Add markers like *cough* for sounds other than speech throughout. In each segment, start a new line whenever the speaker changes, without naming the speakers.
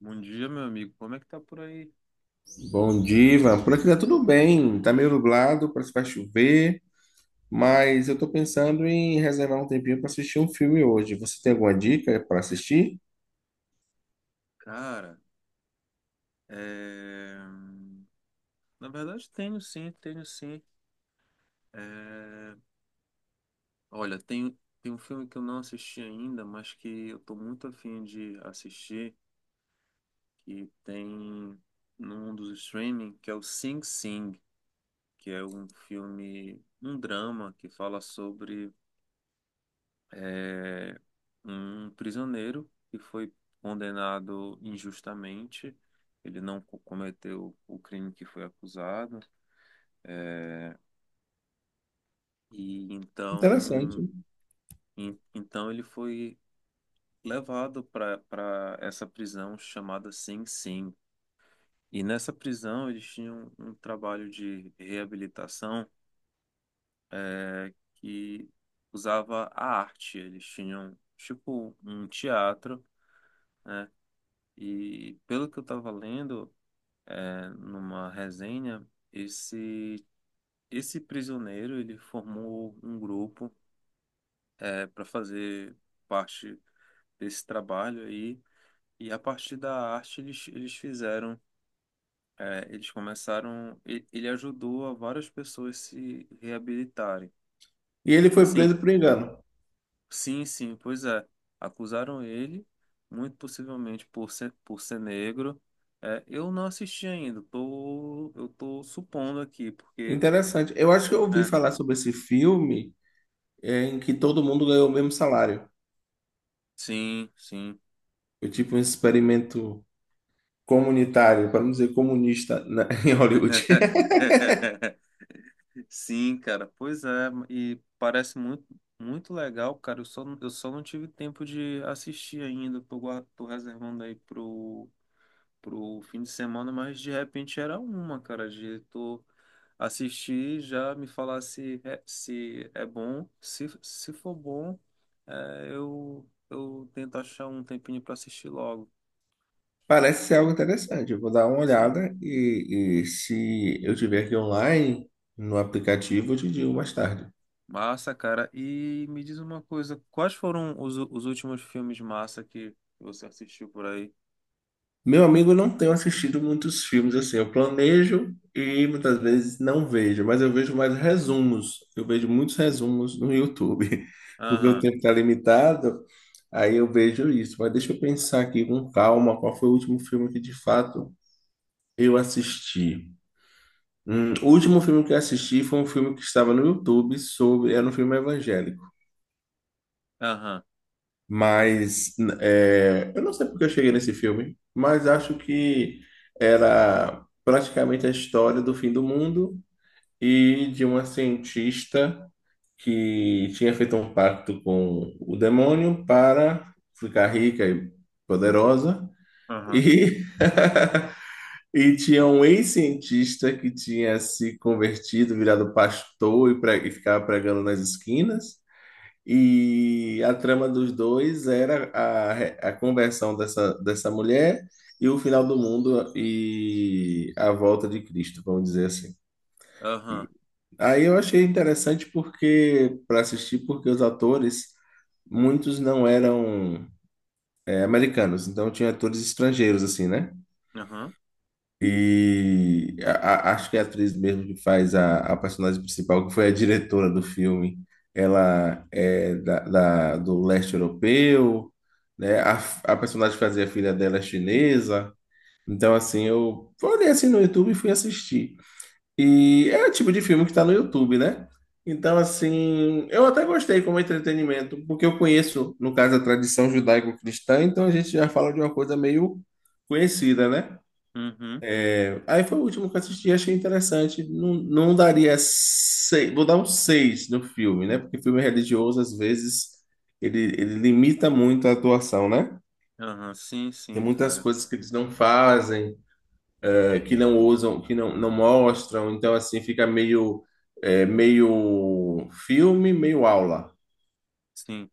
Bom dia, meu amigo. Como é que tá por aí?
Bom dia, Ivan. Por aqui tá tudo bem. Tá meio nublado, parece que vai chover, mas eu tô pensando em reservar um tempinho para assistir um filme hoje. Você tem alguma dica para assistir?
Cara, é... na verdade tenho sim, tenho sim. É... Olha, tem um filme que eu não assisti ainda, mas que eu tô muito afim de assistir, que tem num dos streaming, que é o Sing Sing, que é um filme, um drama que fala sobre é, um prisioneiro que foi condenado injustamente. Ele não co- cometeu o crime que foi acusado. é, e
Interessante.
então, então ele foi levado para essa prisão chamada Sing Sing. E nessa prisão eles tinham um trabalho de reabilitação, que usava a arte. Eles tinham tipo um teatro. E pelo que eu estava lendo, numa resenha, esse esse prisioneiro, ele formou um grupo, para fazer parte desse trabalho aí, e a partir da arte eles fizeram, eles começaram, ele ajudou a várias pessoas se reabilitarem.
E ele foi
Assim,
preso por engano.
sim, sim, pois é, acusaram ele, muito possivelmente por ser negro. É, eu não assisti ainda, tô, eu tô supondo aqui, porque...
Interessante. Eu acho que eu ouvi
é,
falar sobre esse filme em que todo mundo ganhou o mesmo salário.
sim, sim.
Foi tipo um experimento comunitário, para não dizer comunista, *laughs* em Hollywood.
*laughs* Sim, cara. Pois é, e parece muito, muito legal, cara. Eu só não tive tempo de assistir ainda. Tô reservando aí pro fim de semana, mas de repente era uma, cara, de tu assistir, já me falar se é, se é bom. Se for bom, eu tento achar um tempinho pra assistir logo.
Parece ser algo interessante. Eu vou dar uma
Sim.
olhada e se eu tiver aqui online no aplicativo, eu te digo mais tarde.
Massa, cara. E me diz uma coisa, quais foram os últimos filmes massa que você assistiu por aí?
Meu amigo, eu não tenho assistido muitos filmes assim. Eu planejo e muitas vezes não vejo, mas eu vejo mais resumos. Eu vejo muitos resumos no YouTube, *laughs* porque o
Aham,
tempo está limitado, aí eu vejo isso. Mas deixa eu pensar aqui com calma qual foi o último filme que de fato eu assisti. O último filme que eu assisti foi um filme que estava no YouTube sobre. Era um filme evangélico.
aham,
Mas eu não sei porque eu cheguei nesse filme, mas acho que era praticamente a história do fim do mundo e de uma cientista que tinha feito um pacto com o demônio para ficar rica e poderosa.
aham,
e E tinha um ex-cientista que tinha se convertido, virado pastor e ficava pregando nas esquinas. E a trama dos dois era a conversão dessa mulher e o final do mundo e a volta de Cristo, vamos dizer assim. E
aham,
aí eu achei interessante porque para assistir, porque os atores, muitos não eram americanos, então tinha atores estrangeiros, assim, né?
aham,
E acho que é a atriz mesmo que faz a personagem principal, que foi a diretora do filme, ela é do leste europeu, né? A personagem que fazia a filha dela é chinesa. Então, assim, eu olhei assim no YouTube e fui assistir. E é o tipo de filme que está no YouTube, né? Então, assim, eu até gostei como entretenimento, porque eu conheço, no caso, a tradição judaico-cristã, então a gente já fala de uma coisa meio conhecida, né?
uhum,
Aí foi o último que eu assisti, achei interessante. Não, não daria seis, vou dar um seis no filme, né? Porque filme religioso, às vezes, ele limita muito a atuação, né?
aham, sim,
Tem
sim,
muitas
cara,
coisas que eles não fazem, que não usam, que não mostram. Então, assim, fica meio, meio filme, meio aula.
sim.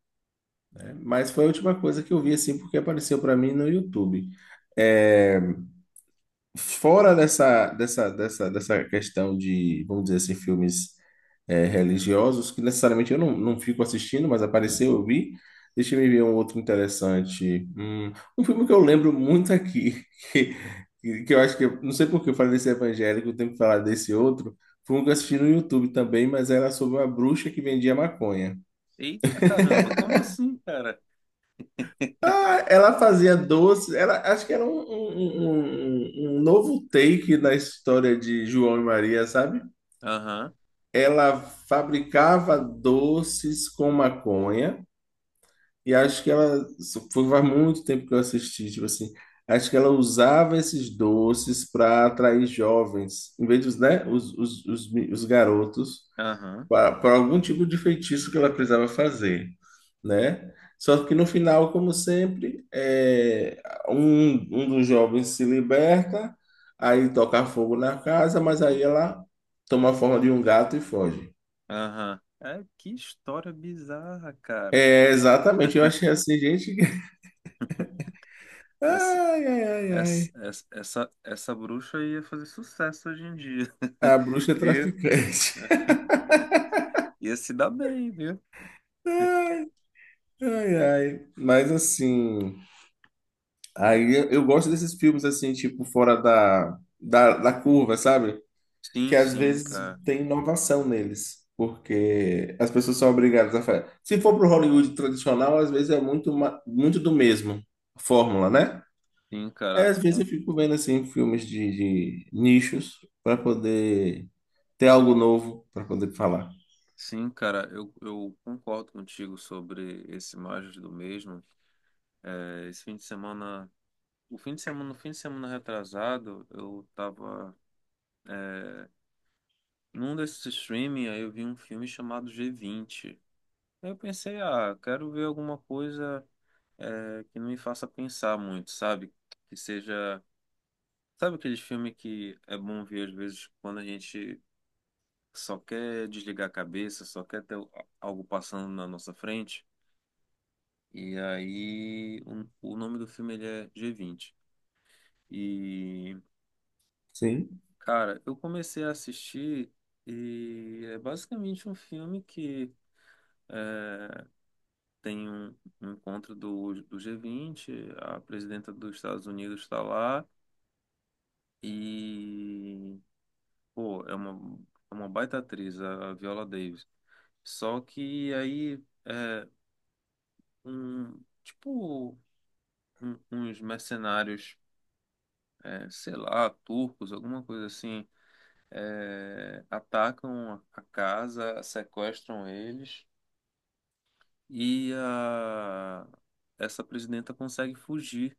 Né? Mas foi a última coisa que eu vi, assim, porque apareceu para mim no YouTube. É, fora dessa questão de, vamos dizer assim, filmes religiosos, que necessariamente eu não fico assistindo, mas apareceu, eu vi. Deixa eu ver um outro interessante. Um filme que eu lembro muito aqui, *laughs* que, que eu acho que, não sei por que eu falei desse evangélico, eu tenho que falar desse outro. Foi um que eu assisti no YouTube também, mas era sobre uma bruxa que vendia maconha.
Eita caramba, como assim, cara? *laughs*
Ah, ela fazia doce, acho que era um novo take na história de João e Maria, sabe?
Aham,
Ela fabricava doces com maconha, e acho que isso foi faz muito tempo que eu assisti, tipo assim, acho que ela usava esses doces para atrair jovens, em vez dos, né, os garotos,
aham,
para algum tipo de feitiço que ela precisava fazer, né? Só que no final, como sempre, um dos jovens se liberta, aí toca fogo na casa, mas aí ela toma a forma de um gato e foge.
aham. É, que história bizarra, cara.
É, exatamente, eu achei assim, gente. *laughs*
Essa,
Ai, ai, ai,
essa,
ai.
essa, essa, essa bruxa ia fazer sucesso hoje em dia.
A bruxa é
*laughs* E
traficante.
ia se dar bem, viu?
*laughs* Ai, ai. Mas assim, aí eu gosto desses filmes assim, tipo, fora da curva, sabe? Que
Sim,
às
sim,
vezes
cara.
tem inovação neles. Porque as pessoas são obrigadas a fazer. Se for pro Hollywood tradicional, às vezes é muito do mesmo, a fórmula, né?
Sim,
Aí
cara,
às vezes eu
con-
fico vendo assim filmes de nichos para poder ter algo novo para poder falar.
sim, cara, eu concordo contigo sobre esse Imagens do Mesmo. É, esse fim de semana, o fim de semana, no fim de semana retrasado, eu tava, é, num desses streaming, aí eu vi um filme chamado G20. Aí eu pensei, ah, quero ver alguma coisa, que não me faça pensar muito, sabe? Que seja, sabe aqueles filmes que é bom ver às vezes quando a gente só quer desligar a cabeça, só quer ter algo passando na nossa frente? E aí, o nome do filme ele é G20. E,
Sim.
cara, eu comecei a assistir e é basicamente um filme que, é, tem um encontro do G20, a presidenta dos Estados Unidos está lá e, pô, é uma baita atriz, a Viola Davis. Só que aí, um, tipo, uns mercenários, sei lá, turcos, alguma coisa assim, atacam a casa, sequestram eles e essa presidenta consegue fugir.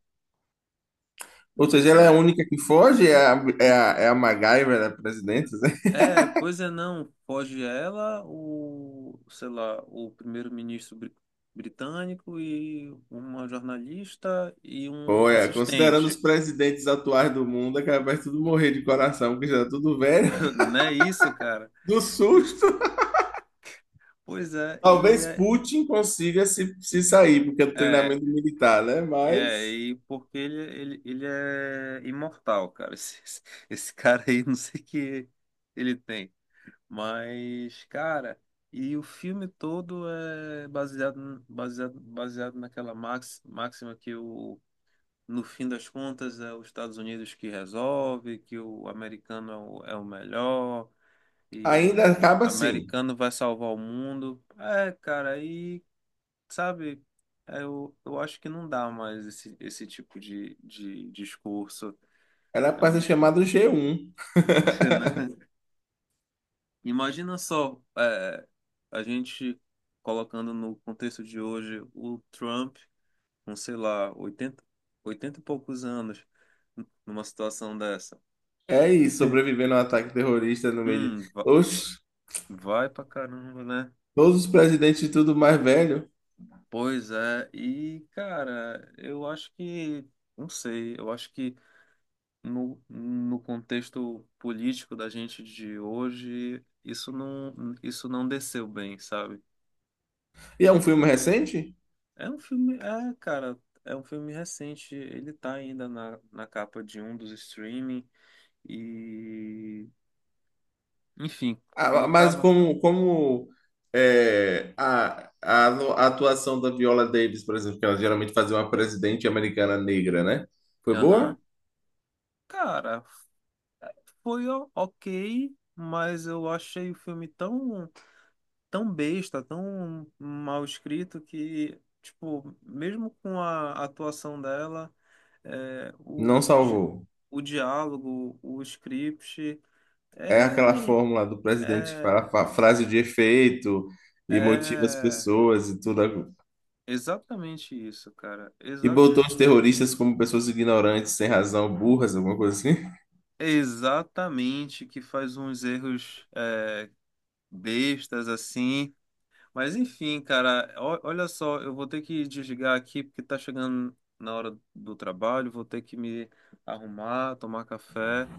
Ou seja, ela é a
É,
única que foge? É a MacGyver, né? Presidente, né? *laughs*
é, pois é, não, foge ela, o, sei lá, britânico e uma jornalista e um
Pô, considerando os
assistente.
presidentes atuais do mundo, é capaz de tudo morrer de coração, porque já tá tudo velho,
*laughs*
*laughs*
Não é isso, cara?
do
E,
susto.
pois é, e
Talvez
é.
Putin consiga se sair, porque é do
É,
treinamento militar, né?
é,
Mas
e porque ele é imortal, cara. *laughs* Esse cara aí, não sei o que ele tem. Mas, cara, e o filme todo é baseado, baseado, baseado máxima que o, no fim das contas é os Estados Unidos que resolve, que o americano é o, é o melhor, e
ainda
o
acaba assim.
americano vai salvar o mundo. É, cara, aí sabe, eu acho que não dá mais esse tipo de discurso.
Ela
É um
passa
discurso.
chamada G1. *laughs*
*laughs* Imagina só, a gente colocando no contexto de hoje o Trump com, sei lá, 80 e poucos anos numa situação dessa.
É isso,
*laughs*
sobrevivendo a um ataque terrorista no meio de.
Hum, va-
Oxe,
vai pra caramba, né?
todos os presidentes e tudo mais velho.
Pois é, e cara, eu acho que, não sei, eu acho que no contexto político da gente de hoje, isso não, isso não desceu bem, sabe?
E é um filme recente?
É um filme, é, cara, é um filme recente, ele tá ainda na capa de um dos streaming e, enfim, quando
Ah,
eu
mas
tava,
como é, a atuação da Viola Davis, por exemplo, que ela geralmente fazia uma presidente americana negra, né? Foi
aham,
boa?
cara, ok, mas eu achei o filme tão, tão besta, tão mal escrito que, tipo, mesmo com a atuação dela, é,
Não
o, di,
salvou.
o diálogo, o script,
É aquela
é,
fórmula do presidente que
é,
fala frase de efeito e motiva as
é
pessoas e tudo.
exatamente isso, cara.
E botou os terroristas como pessoas ignorantes, sem razão, burras, alguma coisa assim.
É exatamente que faz uns erros, bestas assim. Mas enfim, cara, olha só, eu vou ter que desligar aqui porque tá chegando na hora do trabalho, vou ter que me arrumar, tomar café.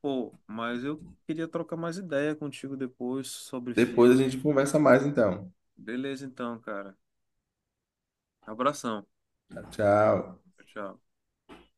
Pô, mas eu queria trocar mais ideia contigo depois sobre
Depois a gente
filme.
conversa mais, então.
Beleza, então, cara. Abração.
Tchau.
Tchau.